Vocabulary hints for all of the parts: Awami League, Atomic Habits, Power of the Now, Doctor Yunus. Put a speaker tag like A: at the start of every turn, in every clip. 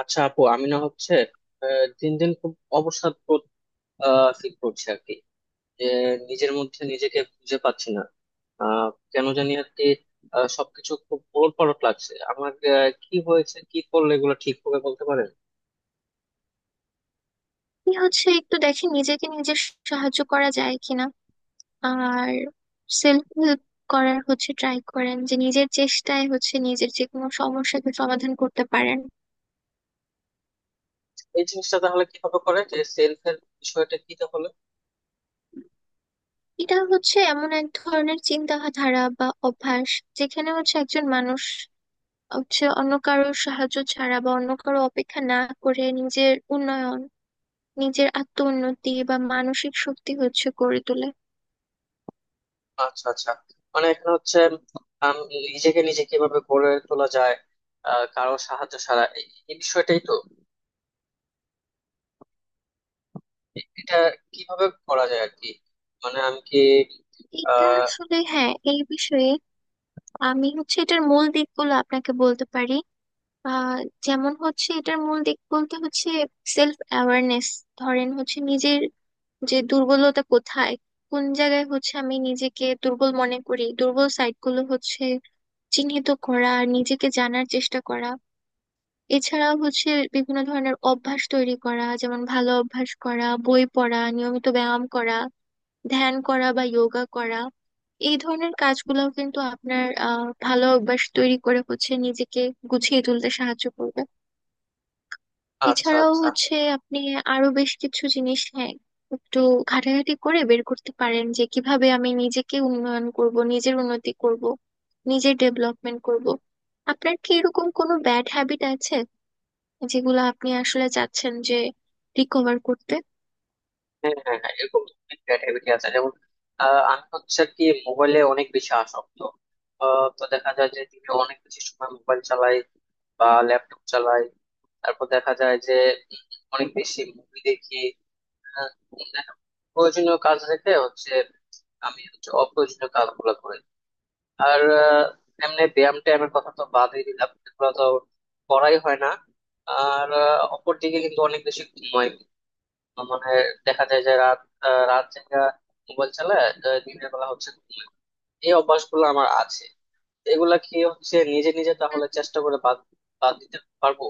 A: আচ্ছা আপু, আমি না হচ্ছে দিন দিন খুব অবসাদ বোধ ফিল করছি আর কি। যে নিজের মধ্যে নিজেকে খুঁজে পাচ্ছি না, আহ, কেন জানি আর কি। সবকিছু খুব ওলটপালট লাগছে আমার, কি হয়েছে, কি করলে এগুলো ঠিক হবে বলতে পারেন?
B: কি হচ্ছে একটু দেখি নিজেকে নিজে সাহায্য করা যায় কিনা। আর সেলফ হেল্প করার হচ্ছে ট্রাই করেন যে নিজের চেষ্টায় হচ্ছে নিজের যে কোনো সমস্যাকে সমাধান করতে পারেন।
A: এই জিনিসটা তাহলে কিভাবে করে, যে সেলফ এর বিষয়টা কি তাহলে?
B: এটা হচ্ছে এমন এক ধরনের চিন্তাধারা বা অভ্যাস যেখানে হচ্ছে একজন মানুষ হচ্ছে অন্য কারোর সাহায্য ছাড়া বা অন্য কারো অপেক্ষা না করে নিজের উন্নয়ন, নিজের আত্ম উন্নতি বা মানসিক শক্তি হচ্ছে গড়ে তোলে।
A: আচ্ছা আচ্ছা। মানে এখানে হচ্ছে আম, নিজেকে নিজে কিভাবে গড়ে তোলা যায় কারো সাহায্য ছাড়া, এই এই বিষয়টাই তো। এটা কিভাবে করা যায় আর কি, মানে আমি কি
B: এটা
A: আহ
B: আসলে হ্যাঁ, এই বিষয়ে আমি হচ্ছে এটার মূল দিকগুলো আপনাকে বলতে পারি। আহ যেমন হচ্ছে এটার মূল দিক বলতে হচ্ছে সেলফ অ্যাওয়ারনেস। ধরেন হচ্ছে নিজের যে দুর্বলতা কোথায়, কোন জায়গায় হচ্ছে আমি নিজেকে দুর্বল মনে করি, দুর্বল সাইটগুলো হচ্ছে চিহ্নিত করা, নিজেকে জানার চেষ্টা করা। এছাড়া হচ্ছে বিভিন্ন ধরনের অভ্যাস তৈরি করা, যেমন ভালো অভ্যাস করা, বই পড়া, নিয়মিত ব্যায়াম করা, ধ্যান করা বা যোগা করা। এই ধরনের কাজগুলোও কিন্তু আপনার ভালো অভ্যাস তৈরি করে হচ্ছে নিজেকে গুছিয়ে তুলতে সাহায্য করবে।
A: আচ্ছা
B: এছাড়াও
A: আচ্ছা।
B: হচ্ছে আপনি আরো বেশ কিছু জিনিস হ্যাঁ একটু ঘাটাঘাটি করে বের করতে পারেন, যে কিভাবে আমি নিজেকে উন্নয়ন করব, নিজের উন্নতি করব, নিজের ডেভেলপমেন্ট করব। আপনার কি এরকম কোনো ব্যাড হ্যাবিট আছে যেগুলো আপনি আসলে চাচ্ছেন যে রিকভার করতে?
A: হ্যাঁ হ্যাঁ হ্যাঁ, এরকম ক্রিয়েটিভিটি আছে, যেমন আমি হচ্ছে কি মোবাইলে অনেক বেশি আসক্ত। তো দেখা যায় যে দিনে অনেক বেশি সময় মোবাইল চালাই বা ল্যাপটপ চালাই। তারপর দেখা যায় যে উম, অনেক বেশি মুভি দেখি। হ্যাঁ, প্রয়োজনীয় কাজ রেখে হচ্ছে আমি হচ্ছে অপ্রয়োজনীয় কাজগুলো করি। আর এমনি ব্যায়াম ট্যায়ামের কথা তো বাদই দিলাম, এগুলো তো করাই হয় না। আর অপরদিকে কিন্তু অনেক বেশি ঘুমাই। মানে দেখা যায় যে রাত রাত জায়গা মোবাইল চালায়, দিনের বেলা হচ্ছে ঘুমাই। এই অভ্যাসগুলো আমার আছে। এগুলা কি হচ্ছে নিজে নিজে তাহলে
B: হুম।
A: চেষ্টা করে বাদ বাদ দিতে পারবো?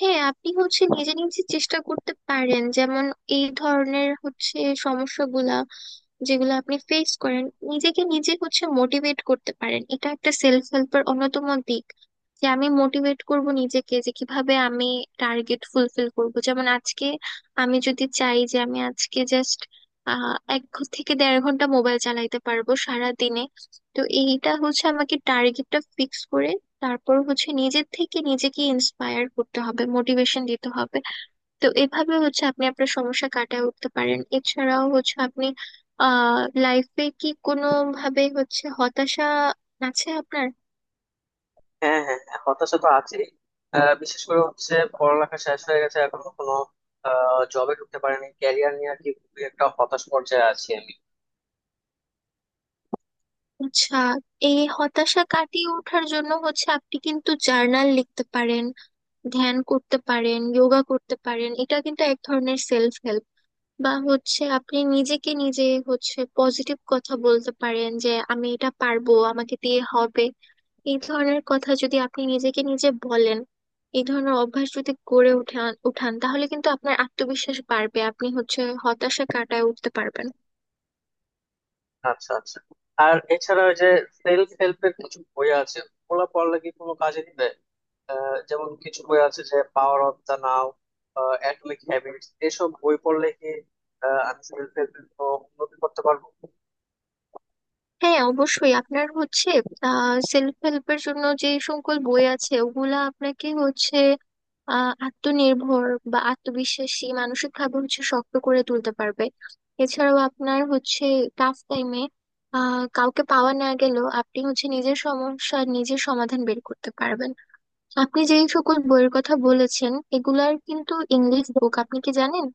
B: হ্যাঁ, আপনি হচ্ছে নিজে নিজে চেষ্টা করতে পারেন, যেমন এই ধরনের হচ্ছে সমস্যাগুলা যেগুলো আপনি ফেস করেন, নিজেকে নিজে হচ্ছে মোটিভেট করতে পারেন। এটা একটা সেলফ হেল্পের অন্যতম দিক যে আমি মোটিভেট করব নিজেকে যে কিভাবে আমি টার্গেট ফুলফিল করব। যেমন আজকে আমি যদি চাই যে আমি আজকে জাস্ট 1 থেকে 1.5 ঘন্টা মোবাইল চালাইতে পারবো সারা দিনে, তো এইটা হচ্ছে আমাকে টার্গেটটা ফিক্স করে তারপর হচ্ছে নিজের থেকে নিজেকে ইন্সপায়ার করতে হবে, মোটিভেশন দিতে হবে। তো এভাবে হচ্ছে আপনি আপনার সমস্যা কাটিয়ে উঠতে পারেন। এছাড়াও হচ্ছে আপনি লাইফে কি কোনো ভাবে হচ্ছে হতাশা আছে আপনার?
A: হ্যাঁ হ্যাঁ হ্যাঁ, হতাশা তো আছেই। বিশেষ করে হচ্ছে পড়ালেখা শেষ হয়ে গেছে, এখনো কোনো জবে ঢুকতে পারিনি। ক্যারিয়ার নিয়ে আর কি খুবই একটা হতাশ পর্যায়ে আছি আমি।
B: আচ্ছা, এই হতাশা কাটিয়ে ওঠার জন্য হচ্ছে আপনি কিন্তু জার্নাল লিখতে পারেন, ধ্যান করতে পারেন, যোগা করতে পারেন। এটা কিন্তু এক ধরনের সেলফ হেল্প। বা হচ্ছে আপনি নিজেকে নিজে হচ্ছে পজিটিভ কথা বলতে পারেন যে আমি এটা পারবো, আমাকে দিয়ে হবে। এই ধরনের কথা যদি আপনি নিজেকে নিজে বলেন, এই ধরনের অভ্যাস যদি গড়ে উঠান উঠান তাহলে কিন্তু আপনার আত্মবিশ্বাস বাড়বে, আপনি হচ্ছে হতাশা কাটায় উঠতে পারবেন।
A: আচ্ছা আচ্ছা। আর এছাড়া ওই যে সেলফ হেল্পের কিছু বই আছে, ওগুলা পড়লে কি কোনো কাজে দিবে? যেমন কিছু বই আছে যে power of the now, atomic habits, এসব বই পড়লে কি আমি সেলফ হেল্পের উন্নতি করতে পারবো?
B: হ্যাঁ অবশ্যই, আপনার হচ্ছে সেলফ হেল্পের জন্য যে সকল বই আছে ওগুলা আপনাকে হচ্ছে আত্মনির্ভর বা আত্মবিশ্বাসী, মানসিক ভাবে হচ্ছে শক্ত করে তুলতে পারবে। এছাড়াও আপনার হচ্ছে টাফ টাইমে কাউকে পাওয়া না গেলেও আপনি হচ্ছে নিজের সমস্যা, নিজের সমাধান বের করতে পারবেন। আপনি যেই সকল বইয়ের কথা বলেছেন এগুলার কিন্তু ইংলিশ বুক, আপনি কি জানেন?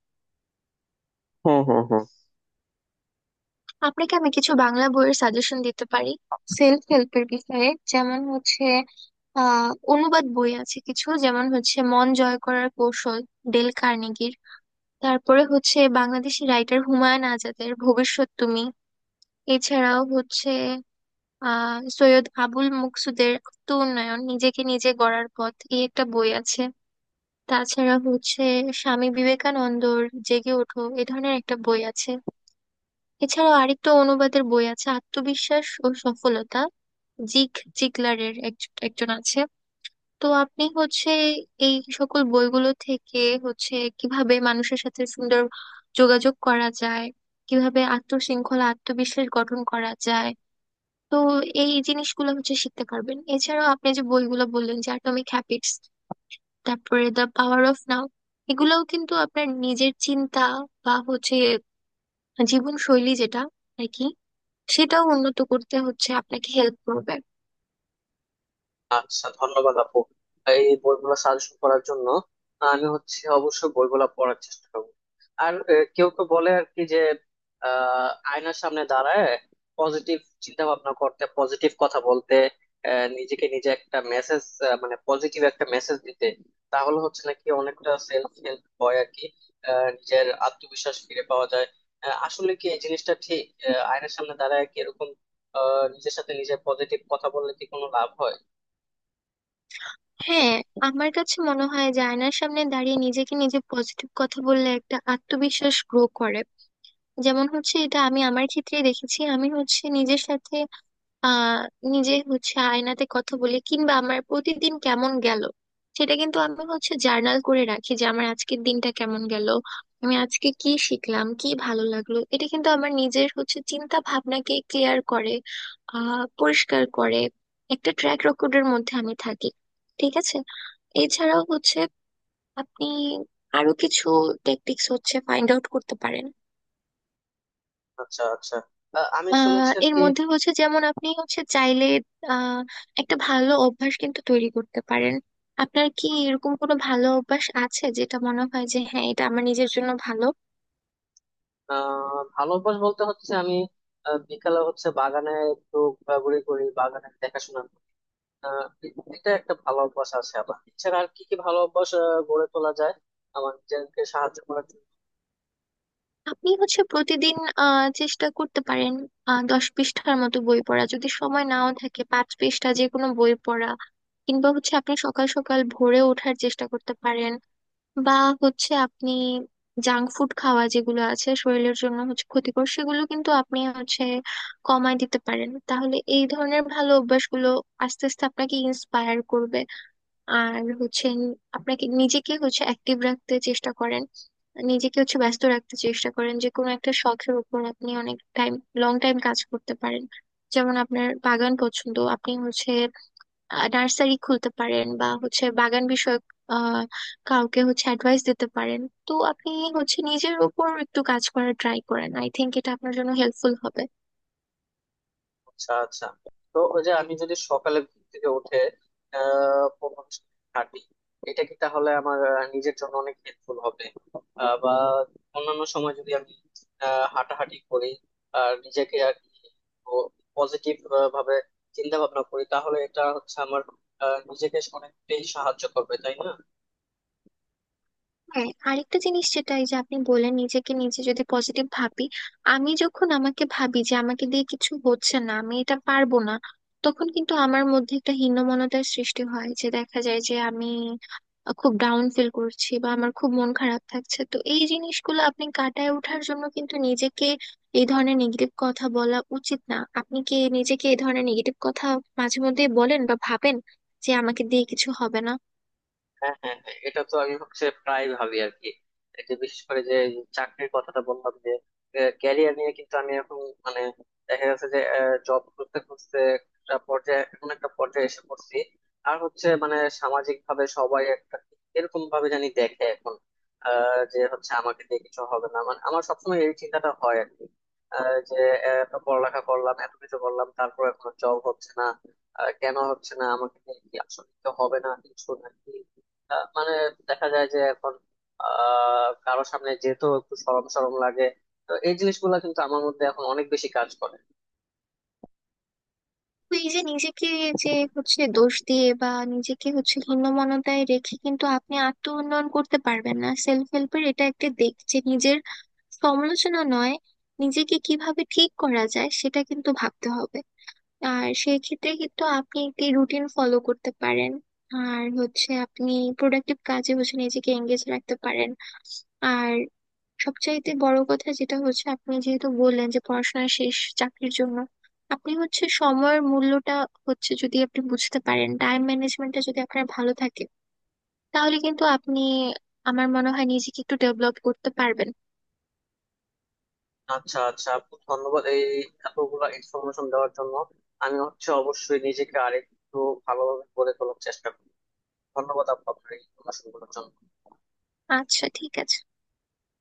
B: আপনাকে আমি কিছু বাংলা বইয়ের সাজেশন দিতে পারি সেলফ হেল্পের বিষয়ে। যেমন হচ্ছে অনুবাদ বই আছে কিছু, যেমন হচ্ছে মন জয় করার কৌশল, ডেল কার্নেগির। তারপরে হচ্ছে বাংলাদেশি রাইটার হুমায়ুন আজাদের ভবিষ্যৎ তুমি। এছাড়াও হচ্ছে সৈয়দ আবুল মকসুদের আত্ম উন্নয়ন, নিজেকে নিজে গড়ার পথ এই একটা বই আছে। তাছাড়া হচ্ছে স্বামী বিবেকানন্দর জেগে ওঠো, এ ধরনের একটা বই আছে। এছাড়াও আরেকটা অনুবাদের বই আছে, আত্মবিশ্বাস ও সফলতা, জিগ জিগলারের একজন আছে। তো আপনি হচ্ছে এই সকল বইগুলো থেকে হচ্ছে কিভাবে মানুষের সাথে সুন্দর যোগাযোগ করা যায়, কিভাবে আত্মশৃঙ্খলা, আত্মবিশ্বাস গঠন করা যায়, তো এই জিনিসগুলো হচ্ছে শিখতে পারবেন। এছাড়াও আপনি যে বইগুলো বললেন যে অ্যাটমিক হ্যাবিটস, তারপরে দ্য পাওয়ার অফ নাও, এগুলাও কিন্তু আপনার নিজের চিন্তা বা হচ্ছে জীবন শৈলী যেটা আর কি, সেটাও উন্নত করতে হচ্ছে আপনাকে হেল্প করবে।
A: আচ্ছা ধন্যবাদ আপু, এই বইগুলো সাজেশন করার জন্য। আমি হচ্ছে অবশ্যই বইগুলো পড়ার চেষ্টা করবো। আর কেউ কেউ বলে আর কি যে আয়নার সামনে দাঁড়ায় পজিটিভ চিন্তা ভাবনা করতে, পজিটিভ কথা বলতে, নিজেকে নিজে একটা মেসেজ, মানে পজিটিভ একটা মেসেজ দিতে, তাহলে হচ্ছে নাকি অনেকটা সেলফ হেল্প হয় আর কি, নিজের আত্মবিশ্বাস ফিরে পাওয়া যায়। আসলে কি এই জিনিসটা ঠিক? আয়নার সামনে দাঁড়ায় কি এরকম নিজের সাথে নিজের পজিটিভ কথা বললে কি কোনো লাভ হয়?
B: হ্যাঁ, আমার কাছে মনে হয় যে আয়নার সামনে দাঁড়িয়ে নিজেকে নিজে পজিটিভ কথা বললে একটা আত্মবিশ্বাস গ্রো করে। যেমন হচ্ছে এটা আমি আমার ক্ষেত্রে দেখেছি, আমি হচ্ছে নিজের সাথে আহ নিজে হচ্ছে আয়নাতে কথা বলি, কিংবা আমার প্রতিদিন কেমন গেল সেটা কিন্তু আমি হচ্ছে জার্নাল করে রাখি যে আমার আজকের দিনটা কেমন গেল, আমি আজকে কি শিখলাম, কি ভালো লাগলো। এটা কিন্তু আমার নিজের হচ্ছে চিন্তা ভাবনাকে ক্লিয়ার করে, পরিষ্কার করে, একটা ট্র্যাক রেকর্ডের মধ্যে আমি থাকি, ঠিক আছে? এছাড়াও হচ্ছে আপনি আরো কিছু টেকটিক্স হচ্ছে ফাইন্ড আউট করতে পারেন।
A: আচ্ছা আচ্ছা। আমি শুনেছি আর
B: এর
A: কি।
B: মধ্যে হচ্ছে যেমন আপনি হচ্ছে চাইলে আহ একটা ভালো অভ্যাস কিন্তু তৈরি করতে পারেন। আপনার কি এরকম কোনো ভালো অভ্যাস আছে যেটা মনে হয় যে হ্যাঁ, এটা আমার নিজের জন্য ভালো?
A: ভালো অভ্যাস বলতে হচ্ছে আমি বিকালে হচ্ছে বাগানে একটু ঘোরাঘুরি করি, বাগানে দেখাশোনা করি। আহ, এটা একটা ভালো অভ্যাস আছে। আবার এছাড়া আর কি কি ভালো অভ্যাস গড়ে তোলা যায় আমার নিজেকে সাহায্য করার জন্য?
B: আপনি হচ্ছে প্রতিদিন চেষ্টা করতে পারেন 10 পৃষ্ঠার মতো বই পড়া, যদি সময় নাও থাকে 5 পৃষ্ঠা যে কোনো বই পড়া। কিংবা হচ্ছে আপনি সকাল সকাল ভোরে ওঠার চেষ্টা করতে পারেন। বা হচ্ছে আপনি জাঙ্ক ফুড খাওয়া যেগুলো আছে শরীরের জন্য হচ্ছে ক্ষতিকর সেগুলো কিন্তু আপনি হচ্ছে কমায় দিতে পারেন। তাহলে এই ধরনের ভালো অভ্যাসগুলো আস্তে আস্তে আপনাকে ইন্সপায়ার করবে। আর হচ্ছে আপনাকে নিজেকে হচ্ছে অ্যাক্টিভ রাখতে চেষ্টা করেন, নিজেকে হচ্ছে ব্যস্ত রাখতে চেষ্টা করেন। যে কোনো একটা শখের উপর আপনি অনেক টাইম, লং টাইম কাজ করতে পারেন। যেমন আপনার বাগান পছন্দ, আপনি হচ্ছে নার্সারি খুলতে পারেন, বা হচ্ছে বাগান বিষয়ক আহ কাউকে হচ্ছে অ্যাডভাইস দিতে পারেন। তো আপনি হচ্ছে নিজের উপর একটু কাজ করার ট্রাই করেন, আই থিংক এটা আপনার জন্য হেল্পফুল হবে।
A: আচ্ছা আচ্ছা। তো ওই যে আমি যদি সকালে ঘুম থেকে উঠে প্রথম হাঁটি, এটা কি তাহলে আমার নিজের জন্য অনেক হেল্পফুল হবে? বা অন্যান্য সময় যদি আমি হাঁটাহাঁটি করি আর নিজেকে আর কি পজিটিভ ভাবে চিন্তা ভাবনা করি, তাহলে এটা হচ্ছে আমার নিজেকে অনেকটাই সাহায্য করবে তাই না?
B: হ্যাঁ, আরেকটা জিনিস যেটা, এই যে আপনি বললেন নিজেকে নিজে যদি পজিটিভ ভাবি, আমি যখন আমাকে ভাবি যে আমাকে দিয়ে কিছু হচ্ছে না, আমি এটা পারবো না, তখন কিন্তু আমার মধ্যে একটা হীনমন্যতার সৃষ্টি হয়, যে দেখা যায় যে আমি খুব ডাউন ফিল করছি বা আমার খুব মন খারাপ থাকছে। তো এই জিনিসগুলো আপনি কাটায় ওঠার জন্য কিন্তু নিজেকে এই ধরনের নেগেটিভ কথা বলা উচিত না। আপনি কি নিজেকে এই ধরনের নেগেটিভ কথা মাঝে মধ্যে বলেন বা ভাবেন যে আমাকে দিয়ে কিছু হবে না?
A: হ্যাঁ হ্যাঁ হ্যাঁ, এটা তো আমি হচ্ছে প্রায় ভাবি আর কি। এই যে বিশেষ করে যে এই চাকরির কথাটা বললাম, যে ক্যারিয়ার নিয়ে কিন্তু আমি এখন মানে দেখা গেছে যে জব করতে করতে একটা পর্যায়ে, এমন একটা পর্যায়ে এসে পড়ছি। আর হচ্ছে মানে সামাজিক ভাবে সবাই একটা এরকম ভাবে জানি দেখে এখন যে হচ্ছে আমাকে দিয়ে কিছু হবে না, মানে আমার সবসময় এই চিন্তাটা হয় আর কি, যে এত পড়ালেখা করলাম, এত কিছু করলাম, তারপর এখন জব হচ্ছে না। কেন হচ্ছে না, আমাকে দিয়ে কি আসলে কিছু হবে না কিছু নাকি? মানে দেখা যায় যে এখন কারো সামনে যেহেতু একটু শরম শরম লাগে, তো এই জিনিসগুলো কিন্তু আমার মধ্যে এখন অনেক বেশি কাজ করে।
B: তো এই যে নিজেকে যে হচ্ছে দোষ দিয়ে বা নিজেকে হচ্ছে হীনমন্যতায় রেখে কিন্তু আপনি আত্ম উন্নয়ন করতে পারবেন না। সেলফ হেল্পের এটা একটা দিক যে নিজের সমালোচনা নয়, নিজেকে কিভাবে ঠিক করা যায় সেটা কিন্তু ভাবতে হবে। আর সেই ক্ষেত্রে কিন্তু আপনি একটি রুটিন ফলো করতে পারেন। আর হচ্ছে আপনি প্রোডাক্টিভ কাজে হচ্ছে নিজেকে এঙ্গেজ রাখতে পারেন। আর সবচাইতে বড় কথা যেটা হচ্ছে, আপনি যেহেতু বললেন যে পড়াশোনা শেষ, চাকরির জন্য আপনি হচ্ছে সময়ের মূল্যটা হচ্ছে যদি আপনি বুঝতে পারেন, টাইম ম্যানেজমেন্টটা যদি আপনার ভালো থাকে তাহলে কিন্তু আপনি, আমার মনে হয়, নিজেকে একটু ডেভেলপ করতে পারবেন।
A: আচ্ছা আচ্ছা আপু, ধন্যবাদ এই এতগুলো ইনফরমেশন দেওয়ার জন্য। আমি হচ্ছে অবশ্যই নিজেকে আরেকটু ভালোভাবে গড়ে তোলার চেষ্টা করবো। ধন্যবাদ আপু আপনার এই ইনফরমেশন গুলোর জন্য।
B: আচ্ছা, ঠিক আছে।